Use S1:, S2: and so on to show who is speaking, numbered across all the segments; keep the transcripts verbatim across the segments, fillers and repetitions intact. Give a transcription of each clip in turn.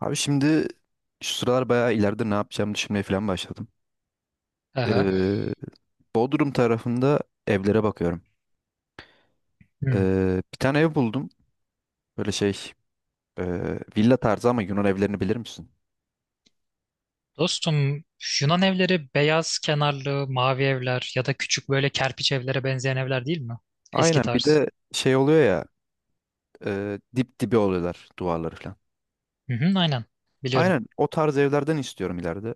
S1: Abi şimdi şu sıralar bayağı ileride ne yapacağımı düşünmeye falan başladım.
S2: Aha.
S1: Ee, Bodrum tarafında evlere bakıyorum.
S2: Hmm.
S1: Ee, bir tane ev buldum. Böyle şey e, villa tarzı ama Yunan evlerini bilir misin?
S2: Dostum Yunan evleri beyaz kenarlı mavi evler ya da küçük böyle kerpiç evlere benzeyen evler değil mi? Eski
S1: Aynen bir
S2: tarz.
S1: de şey oluyor ya e, dip dibi oluyorlar duvarları falan.
S2: Hı hı, aynen. Biliyorum.
S1: Aynen o tarz evlerden istiyorum ileride.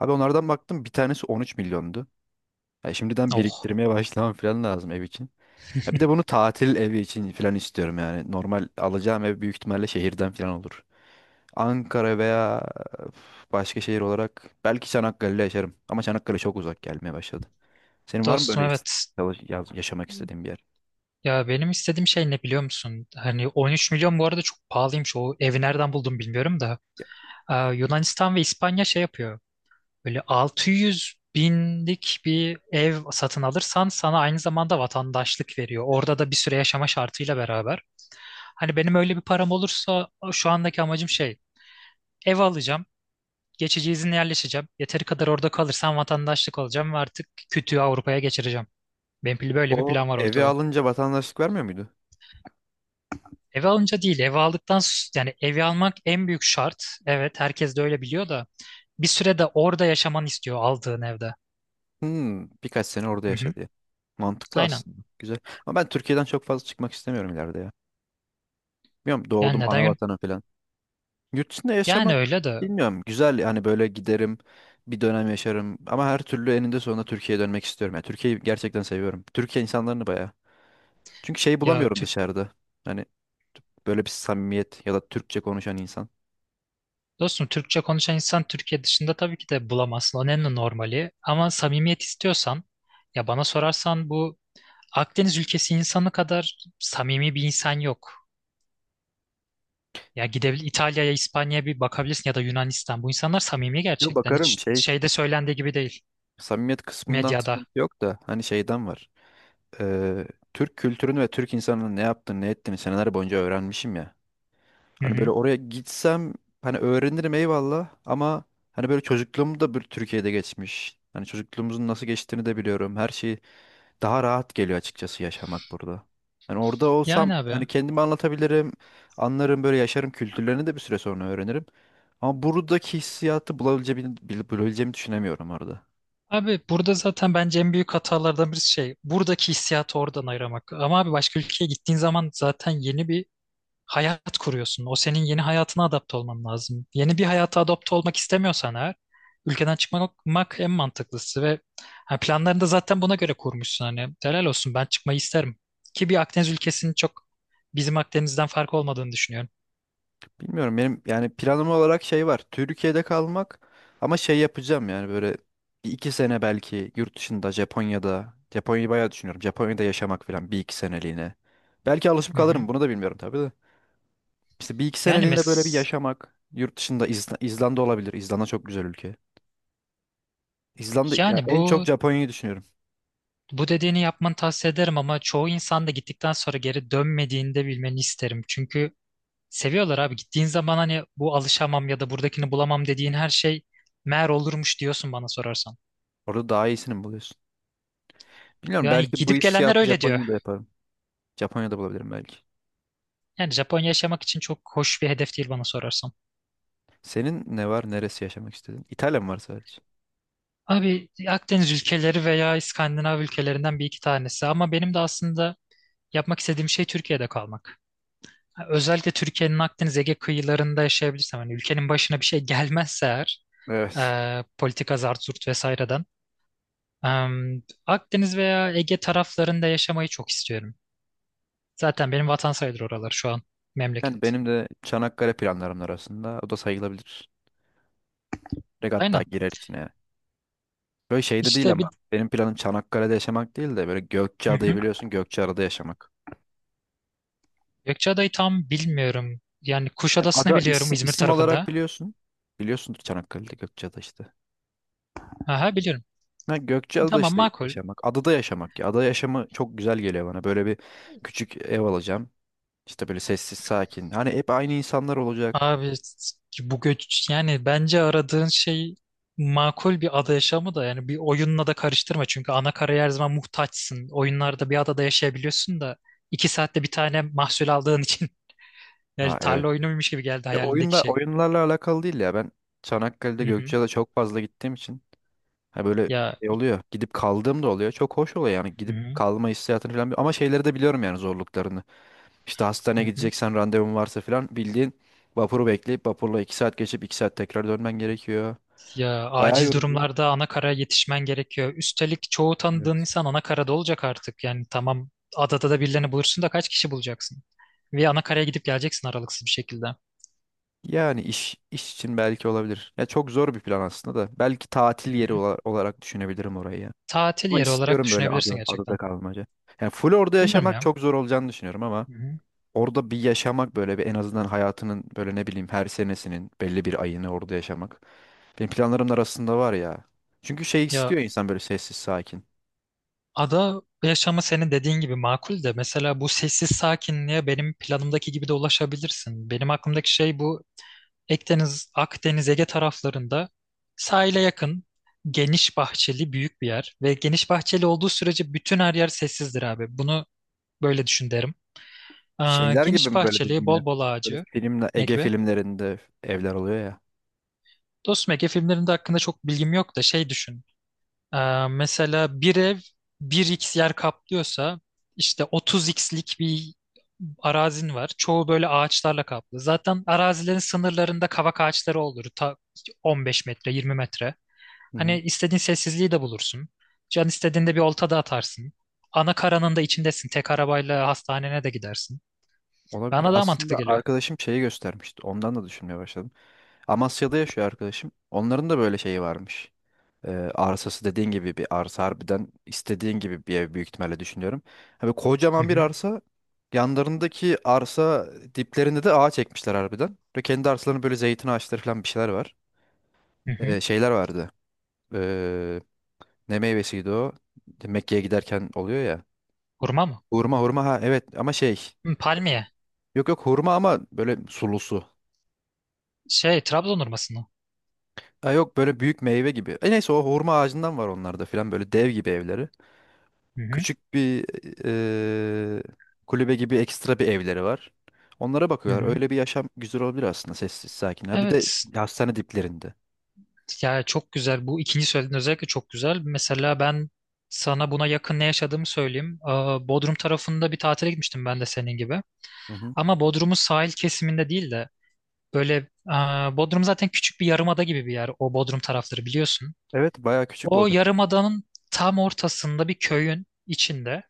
S1: Abi onlardan baktım bir tanesi on üç milyondu. Ya şimdiden
S2: Oh.
S1: biriktirmeye başlamam falan lazım ev için. Ha bir de bunu tatil evi için falan istiyorum yani. Normal alacağım ev büyük ihtimalle şehirden falan olur. Ankara veya başka şehir olarak belki Çanakkale'de yaşarım. Ama Çanakkale çok uzak gelmeye başladı. Senin var mı
S2: Dostum
S1: böyle is-
S2: evet.
S1: çalış- yaz- yaşamak istediğin bir yer?
S2: Ya benim istediğim şey ne biliyor musun? Hani 13 milyon bu arada çok pahalıymış. O evi nereden buldum bilmiyorum da.
S1: Ya,
S2: Ee, Yunanistan ve İspanya şey yapıyor. Böyle 600 binlik bir ev satın alırsan sana aynı zamanda vatandaşlık veriyor. Orada da bir süre yaşama şartıyla beraber. Hani benim öyle bir param olursa şu andaki amacım şey ev alacağım. Geçici izinle yerleşeceğim. Yeteri kadar orada kalırsam vatandaşlık alacağım ve artık kütüğü Avrupa'ya geçireceğim. Benim pil- böyle bir
S1: o
S2: plan var
S1: evi
S2: ortada.
S1: alınca vatandaşlık vermiyor muydu?
S2: Evi alınca değil, evi aldıktan s- yani evi almak en büyük şart. Evet, herkes de öyle biliyor da bir süre de orada yaşamanı istiyor aldığın evde.
S1: Hmm, birkaç sene orada
S2: Hı
S1: yaşa
S2: hı,
S1: diye. Mantıklı
S2: aynen.
S1: aslında. Güzel. Ama ben Türkiye'den çok fazla çıkmak istemiyorum ileride ya. Bilmiyorum
S2: Yani
S1: doğdum ana
S2: neden.
S1: vatanım falan. Yurt dışında
S2: Yani
S1: yaşamak
S2: öyle de.
S1: bilmiyorum. Güzel yani böyle giderim bir dönem yaşarım. Ama her türlü eninde sonunda Türkiye'ye dönmek istiyorum. Yani Türkiye'yi gerçekten seviyorum. Türkiye insanlarını bayağı. Çünkü şey
S2: ya
S1: bulamıyorum
S2: Tür-
S1: dışarıda. Hani böyle bir samimiyet ya da Türkçe konuşan insan.
S2: dostum Türkçe konuşan insan Türkiye dışında tabii ki de bulamazsın. O en normali. Ama samimiyet istiyorsan ya bana sorarsan bu Akdeniz ülkesi insanı kadar samimi bir insan yok. Ya gidebilir İtalya'ya, İspanya'ya bir bakabilirsin ya da Yunanistan. Bu insanlar samimi
S1: Yo
S2: gerçekten.
S1: bakarım
S2: Hiç
S1: şey.
S2: şeyde söylendiği gibi değil
S1: Samimiyet kısmından
S2: medyada.
S1: sıkıntı yok da hani şeyden var. Ee, Türk kültürünü ve Türk insanının ne yaptığını ne ettiğini seneler boyunca öğrenmişim ya.
S2: Hı
S1: Hani böyle
S2: hı.
S1: oraya gitsem hani öğrenirim eyvallah ama hani böyle çocukluğum da bir Türkiye'de geçmiş. Hani çocukluğumuzun nasıl geçtiğini de biliyorum. Her şey daha rahat geliyor açıkçası yaşamak burada. Hani orada olsam
S2: Yani
S1: hani
S2: abi.
S1: kendimi anlatabilirim, anlarım böyle yaşarım kültürlerini de bir süre sonra öğrenirim. Ama buradaki hissiyatı bulabileceğimi, bulabileceğimi düşünemiyorum orada.
S2: Abi burada zaten bence en büyük hatalardan birisi şey buradaki hissiyatı oradan ayıramak. Ama abi başka ülkeye gittiğin zaman zaten yeni bir hayat kuruyorsun. O senin yeni hayatına adapte olman lazım. Yeni bir hayata adapte olmak istemiyorsan eğer ülkeden çıkmak en mantıklısı ve ha, planlarını da zaten buna göre kurmuşsun. Hani helal olsun ben çıkmayı isterim. Ki bir Akdeniz ülkesinin çok bizim Akdeniz'den farkı olmadığını düşünüyorum.
S1: Bilmiyorum benim yani planım olarak şey var. Türkiye'de kalmak ama şey yapacağım yani böyle bir iki sene belki yurt dışında Japonya'da. Japonya'yı bayağı düşünüyorum. Japonya'da yaşamak falan bir iki seneliğine. Belki alışıp
S2: Hı hı.
S1: kalırım bunu da bilmiyorum tabii de. İşte bir iki
S2: Yani
S1: seneliğine böyle bir
S2: mes
S1: yaşamak. Yurt dışında İzla- İzlanda olabilir. İzlanda çok güzel ülke. İzlanda ya
S2: yani
S1: en çok
S2: bu
S1: Japonya'yı düşünüyorum.
S2: bu dediğini yapmanı tavsiye ederim ama çoğu insan da gittikten sonra geri dönmediğini de bilmeni isterim. Çünkü seviyorlar abi. Gittiğin zaman hani bu alışamam ya da buradakini bulamam dediğin her şey meğer olurmuş diyorsun bana sorarsan.
S1: Orada daha iyisini mi buluyorsun? Bilmiyorum
S2: Yani
S1: belki bu
S2: gidip gelenler
S1: hissiyatı
S2: öyle diyor.
S1: Japonya'da yaparım. Japonya'da bulabilirim belki.
S2: Yani Japonya yaşamak için çok hoş bir hedef değil bana sorarsan.
S1: Senin ne var? Neresi yaşamak istedin? İtalya mı var sadece?
S2: Abi Akdeniz ülkeleri veya İskandinav ülkelerinden bir iki tanesi ama benim de aslında yapmak istediğim şey Türkiye'de kalmak. Özellikle Türkiye'nin Akdeniz Ege kıyılarında yaşayabilirsem hani ülkenin başına bir şey gelmezse eğer
S1: Evet.
S2: e, politika zart zurt vesaireden. e, Akdeniz veya Ege taraflarında yaşamayı çok istiyorum. Zaten benim vatan sayılır oralar şu an
S1: Yani
S2: memleket.
S1: benim de Çanakkale planlarım arasında o da sayılabilir. Regatta
S2: Aynen.
S1: girer içine yani. Böyle şeyde değil
S2: İşte
S1: ama
S2: bir.
S1: benim planım Çanakkale'de yaşamak değil de böyle
S2: Hı
S1: Gökçeada'yı
S2: hı.
S1: biliyorsun, Gökçeada'da yaşamak.
S2: Gökçeada'yı tam bilmiyorum. Yani
S1: Yani
S2: Kuşadası'nı
S1: ada
S2: biliyorum
S1: isim,
S2: İzmir
S1: isim olarak
S2: tarafında.
S1: biliyorsun. Biliyorsundur Çanakkale'de Gökçeada işte.
S2: Aha biliyorum.
S1: Ha, Gökçeada'da
S2: Tamam
S1: işte
S2: makul.
S1: yaşamak. Adada yaşamak ya. Ada yaşamı çok güzel geliyor bana. Böyle bir küçük ev alacağım. İşte böyle sessiz sakin. Hani hep aynı insanlar olacak.
S2: Abi bu göç yani bence aradığın şey makul bir ada yaşamı da yani bir oyunla da karıştırma çünkü ana karaya her zaman muhtaçsın. Oyunlarda bir adada yaşayabiliyorsun da iki saatte bir tane mahsul aldığın için yani
S1: Ha evet.
S2: tarla oyunuymuş gibi geldi
S1: Ya
S2: hayalindeki
S1: oyunda,
S2: şey.
S1: oyunlarla alakalı değil ya. Ben Çanakkale'de
S2: Hı hı.
S1: Gökçeada çok fazla gittiğim için ha böyle
S2: Ya
S1: şey oluyor. Gidip kaldığım da oluyor. Çok hoş oluyor yani
S2: hı
S1: gidip
S2: hı.
S1: kalma hissiyatını falan. bi- Ama şeyleri de biliyorum yani zorluklarını. İşte hastaneye
S2: Hı hı.
S1: gideceksen randevun varsa falan bildiğin vapuru bekleyip vapurla iki saat geçip iki saat tekrar dönmen gerekiyor.
S2: Ya
S1: Bayağı
S2: acil
S1: yorucu.
S2: durumlarda ana karaya yetişmen gerekiyor. Üstelik çoğu tanıdığın
S1: Evet.
S2: insan ana karada olacak artık. Yani tamam adada da birilerini bulursun da kaç kişi bulacaksın? Ve ana karaya gidip geleceksin aralıksız bir şekilde.
S1: Yani iş iş için belki olabilir. Ya çok zor bir plan aslında da. Belki tatil
S2: Hı
S1: yeri
S2: hı.
S1: ola- olarak düşünebilirim orayı ya.
S2: Tatil
S1: Ama
S2: yeri olarak
S1: istiyorum böyle
S2: düşünebilirsin
S1: ada, adada
S2: gerçekten.
S1: kalmaca. Yani full orada
S2: Bilmiyorum
S1: yaşamak
S2: ya.
S1: çok zor olacağını düşünüyorum ama.
S2: Hı hı.
S1: orada bir yaşamak böyle bir en azından hayatının böyle ne bileyim her senesinin belli bir ayını orada yaşamak. Benim planlarım da arasında var ya. Çünkü şey
S2: Ya
S1: istiyor insan böyle sessiz sakin.
S2: ada yaşamı senin dediğin gibi makul de mesela bu sessiz sakinliğe benim planımdaki gibi de ulaşabilirsin. Benim aklımdaki şey bu Akdeniz, Akdeniz, Ege taraflarında sahile yakın, geniş bahçeli büyük bir yer. Ve geniş bahçeli olduğu sürece bütün her yer sessizdir abi. Bunu böyle düşün derim. Aa,
S1: Şeyler gibi
S2: geniş
S1: mi böyle
S2: bahçeli,
S1: dediğin ev?
S2: bol bol
S1: Böyle
S2: ağacı.
S1: filmle
S2: Ne
S1: Ege
S2: gibi?
S1: filmlerinde evler oluyor ya.
S2: Dostum Ege filmlerinde hakkında çok bilgim yok da şey düşün. Aa, mesela bir ev bir x yer kaplıyorsa işte otuz x'lik'lik bir arazin var. Çoğu böyle ağaçlarla kaplı. Zaten arazilerin sınırlarında kavak ağaçları olur. Ta 15 metre, 20 metre.
S1: Hı hı.
S2: Hani istediğin sessizliği de bulursun. Can istediğinde bir olta da atarsın. Ana karanın da içindesin. Tek arabayla hastanene de gidersin.
S1: Olabilir.
S2: Bana daha mantıklı
S1: Aslında
S2: geliyor.
S1: arkadaşım şeyi göstermişti. Ondan da düşünmeye başladım. Amasya'da yaşıyor arkadaşım. Onların da böyle şeyi varmış. Ee, arsası dediğin gibi bir arsa harbiden istediğin gibi bir ev büyük ihtimalle düşünüyorum. Hani
S2: Hı
S1: kocaman bir
S2: hı.
S1: arsa, yanlarındaki arsa diplerinde de ağaç ekmişler harbiden. Ve kendi arsalarında böyle zeytin ağaçları falan bir şeyler var.
S2: Hı hı.
S1: Ee, şeyler vardı. Ee, Ne meyvesiydi o? Mekke'ye giderken oluyor ya.
S2: Hurma mı?
S1: Hurma, hurma, ha evet ama şey.
S2: Hı, palmiye.
S1: Yok, yok hurma ama böyle sulusu.
S2: Şey, Trabzon hurması mı?
S1: Ha, yok böyle büyük meyve gibi. E neyse o hurma ağacından var onlarda filan, böyle dev gibi evleri.
S2: Hı hı.
S1: Küçük bir eee, kulübe gibi ekstra bir evleri var. Onlara
S2: Hı
S1: bakıyorlar.
S2: hı.
S1: Öyle bir yaşam güzel olabilir aslında, sessiz sakin. Ha bir de
S2: Evet.
S1: hastane diplerinde.
S2: Ya çok güzel. Bu ikinci söylediğin özellikle çok güzel. Mesela ben sana buna yakın ne yaşadığımı söyleyeyim. Aa, Bodrum tarafında bir tatile gitmiştim ben de senin gibi.
S1: Hı hı.
S2: Ama Bodrum'un sahil kesiminde değil de böyle aa, Bodrum zaten küçük bir yarımada gibi bir yer. O Bodrum tarafları biliyorsun.
S1: Evet bayağı küçük
S2: O
S1: Bodrum.
S2: yarımadanın tam ortasında bir köyün içinde.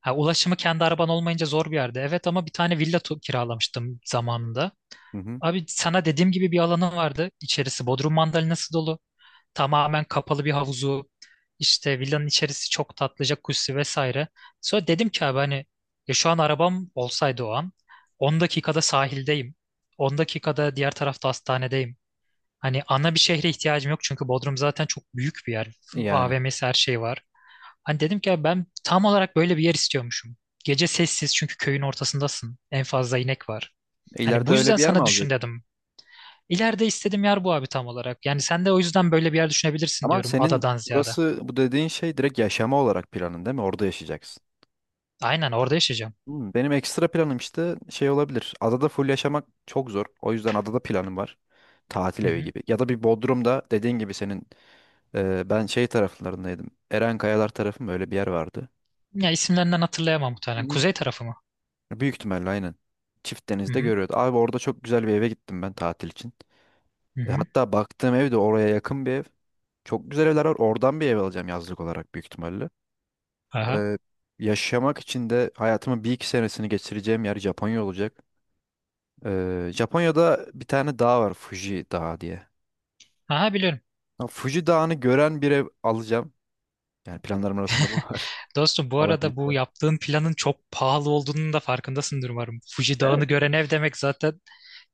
S2: Ha, ulaşımı kendi araban olmayınca zor bir yerde. Evet ama bir tane villa tu- kiralamıştım zamanında.
S1: Hı hı.
S2: Abi sana dediğim gibi bir alanı vardı. İçerisi Bodrum mandalinası dolu. Tamamen kapalı bir havuzu. İşte villanın içerisi çok tatlıca kuşu vesaire. Sonra dedim ki abi hani ya şu an arabam olsaydı o an 10 dakikada sahildeyim. 10 dakikada diğer tarafta hastanedeyim. Hani ana bir şehre ihtiyacım yok çünkü Bodrum zaten çok büyük bir yer.
S1: Yani
S2: A V M'si her şey var. Hani dedim ki "Ya ben tam olarak böyle bir yer istiyormuşum. Gece sessiz çünkü köyün ortasındasın. En fazla inek var. Hani
S1: ileride
S2: bu
S1: öyle
S2: yüzden
S1: bir yer mi
S2: sana
S1: alacak?
S2: düşün dedim. İleride istediğim yer bu abi tam olarak. Yani sen de o yüzden böyle bir yer düşünebilirsin
S1: Ama
S2: diyorum
S1: senin
S2: adadan ziyade.
S1: burası, bu dediğin şey direkt yaşama olarak planın değil mi? Orada yaşayacaksın.
S2: Aynen orada yaşayacağım.
S1: Hmm, benim ekstra planım işte şey olabilir. Adada full yaşamak çok zor. O yüzden adada planım var. Tatil
S2: Hı
S1: evi
S2: hı.
S1: gibi. Ya da bir Bodrum'da dediğin gibi senin. Ee, ben şey taraflarındaydım. Eren Kayalar tarafı mı öyle bir yer vardı?
S2: Ya isimlerinden hatırlayamam muhtemelen.
S1: Hı.
S2: Kuzey tarafı mı?
S1: Büyük ihtimalle aynen. Çift
S2: Hı
S1: denizde
S2: hı.
S1: görüyordu. Abi orada çok güzel bir eve gittim ben tatil için.
S2: Hı
S1: E,
S2: hı.
S1: hatta baktığım ev de oraya yakın bir ev. Çok güzel evler var. Oradan bir ev alacağım yazlık olarak büyük ihtimalle.
S2: Aha.
S1: Ee, Yaşamak için de hayatımın bir iki senesini geçireceğim yer Japonya olacak. Ee, Japonya'da bir tane dağ var, Fuji Dağı diye.
S2: Aha biliyorum.
S1: Ha, Fuji Dağı'nı gören bir ev alacağım. Yani planlarım arasında bu var.
S2: Dostum bu arada bu
S1: Alabilirsem.
S2: yaptığın planın çok pahalı olduğunun da farkındasındır umarım. Fuji Dağı'nı gören ev demek zaten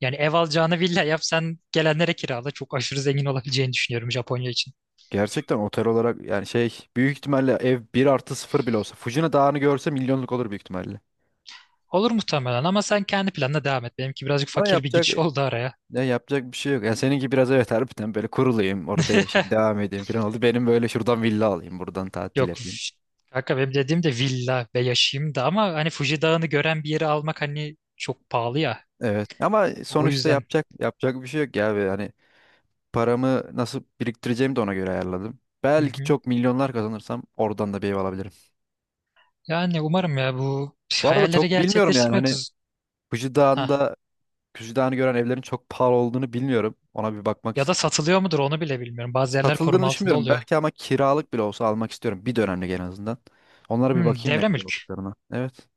S2: yani ev alacağını villa yap sen gelenlere kirala çok aşırı zengin olabileceğini düşünüyorum Japonya için.
S1: Gerçekten otel olarak yani şey, büyük ihtimalle ev bir artı sıfır bile olsa Fujina Dağı'nı görse milyonluk olur büyük ihtimalle.
S2: Olur muhtemelen ama sen kendi planına devam et. Benimki birazcık
S1: Ama
S2: fakir bir
S1: yapacak
S2: giriş oldu araya.
S1: Ya yapacak bir şey yok. Ya seninki biraz evet harbiden böyle kurulayım orada yaşayayım devam edeyim falan oldu. Benim böyle şuradan villa alayım buradan tatil
S2: Yok
S1: yapayım.
S2: üf, kanka benim dediğim de villa ve yaşayayım da ama hani Fuji Dağı'nı gören bir yeri almak hani çok pahalı ya.
S1: Evet ama
S2: O
S1: sonuçta
S2: yüzden.
S1: yapacak yapacak bir şey yok ya. Ve hani paramı nasıl biriktireceğimi de ona göre ayarladım.
S2: Hı
S1: Belki
S2: hı.
S1: çok milyonlar kazanırsam oradan da bir ev alabilirim.
S2: Yani umarım ya bu
S1: Bu arada çok
S2: hayalleri
S1: bilmiyorum yani
S2: gerçekleştirmek.
S1: hani Fuji Dağı'nda Fuji Dağı'nı gören evlerin çok pahalı olduğunu bilmiyorum. Ona bir bakmak
S2: Ya da
S1: istedim.
S2: satılıyor mudur onu bile bilmiyorum. Bazı yerler
S1: Satıldığını
S2: koruma altında
S1: düşünmüyorum.
S2: oluyor.
S1: Belki ama kiralık bile olsa almak istiyorum. Bir dönemlik en azından. Onlara bir
S2: Hmm,
S1: bakayım ne
S2: devre
S1: kadar
S2: mülk.
S1: olduklarına. Evet.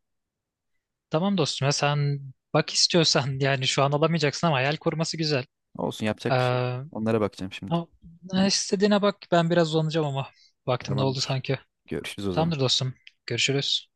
S2: Tamam dostum ya sen bak istiyorsan yani şu an alamayacaksın ama hayal koruması güzel.
S1: Olsun
S2: Ee,
S1: yapacak bir şey yok. Onlara bakacağım şimdi.
S2: ama istediğine bak ben biraz uzanacağım ama vaktim doldu
S1: Tamamdır.
S2: sanki.
S1: Görüşürüz o zaman.
S2: Tamamdır dostum. Görüşürüz.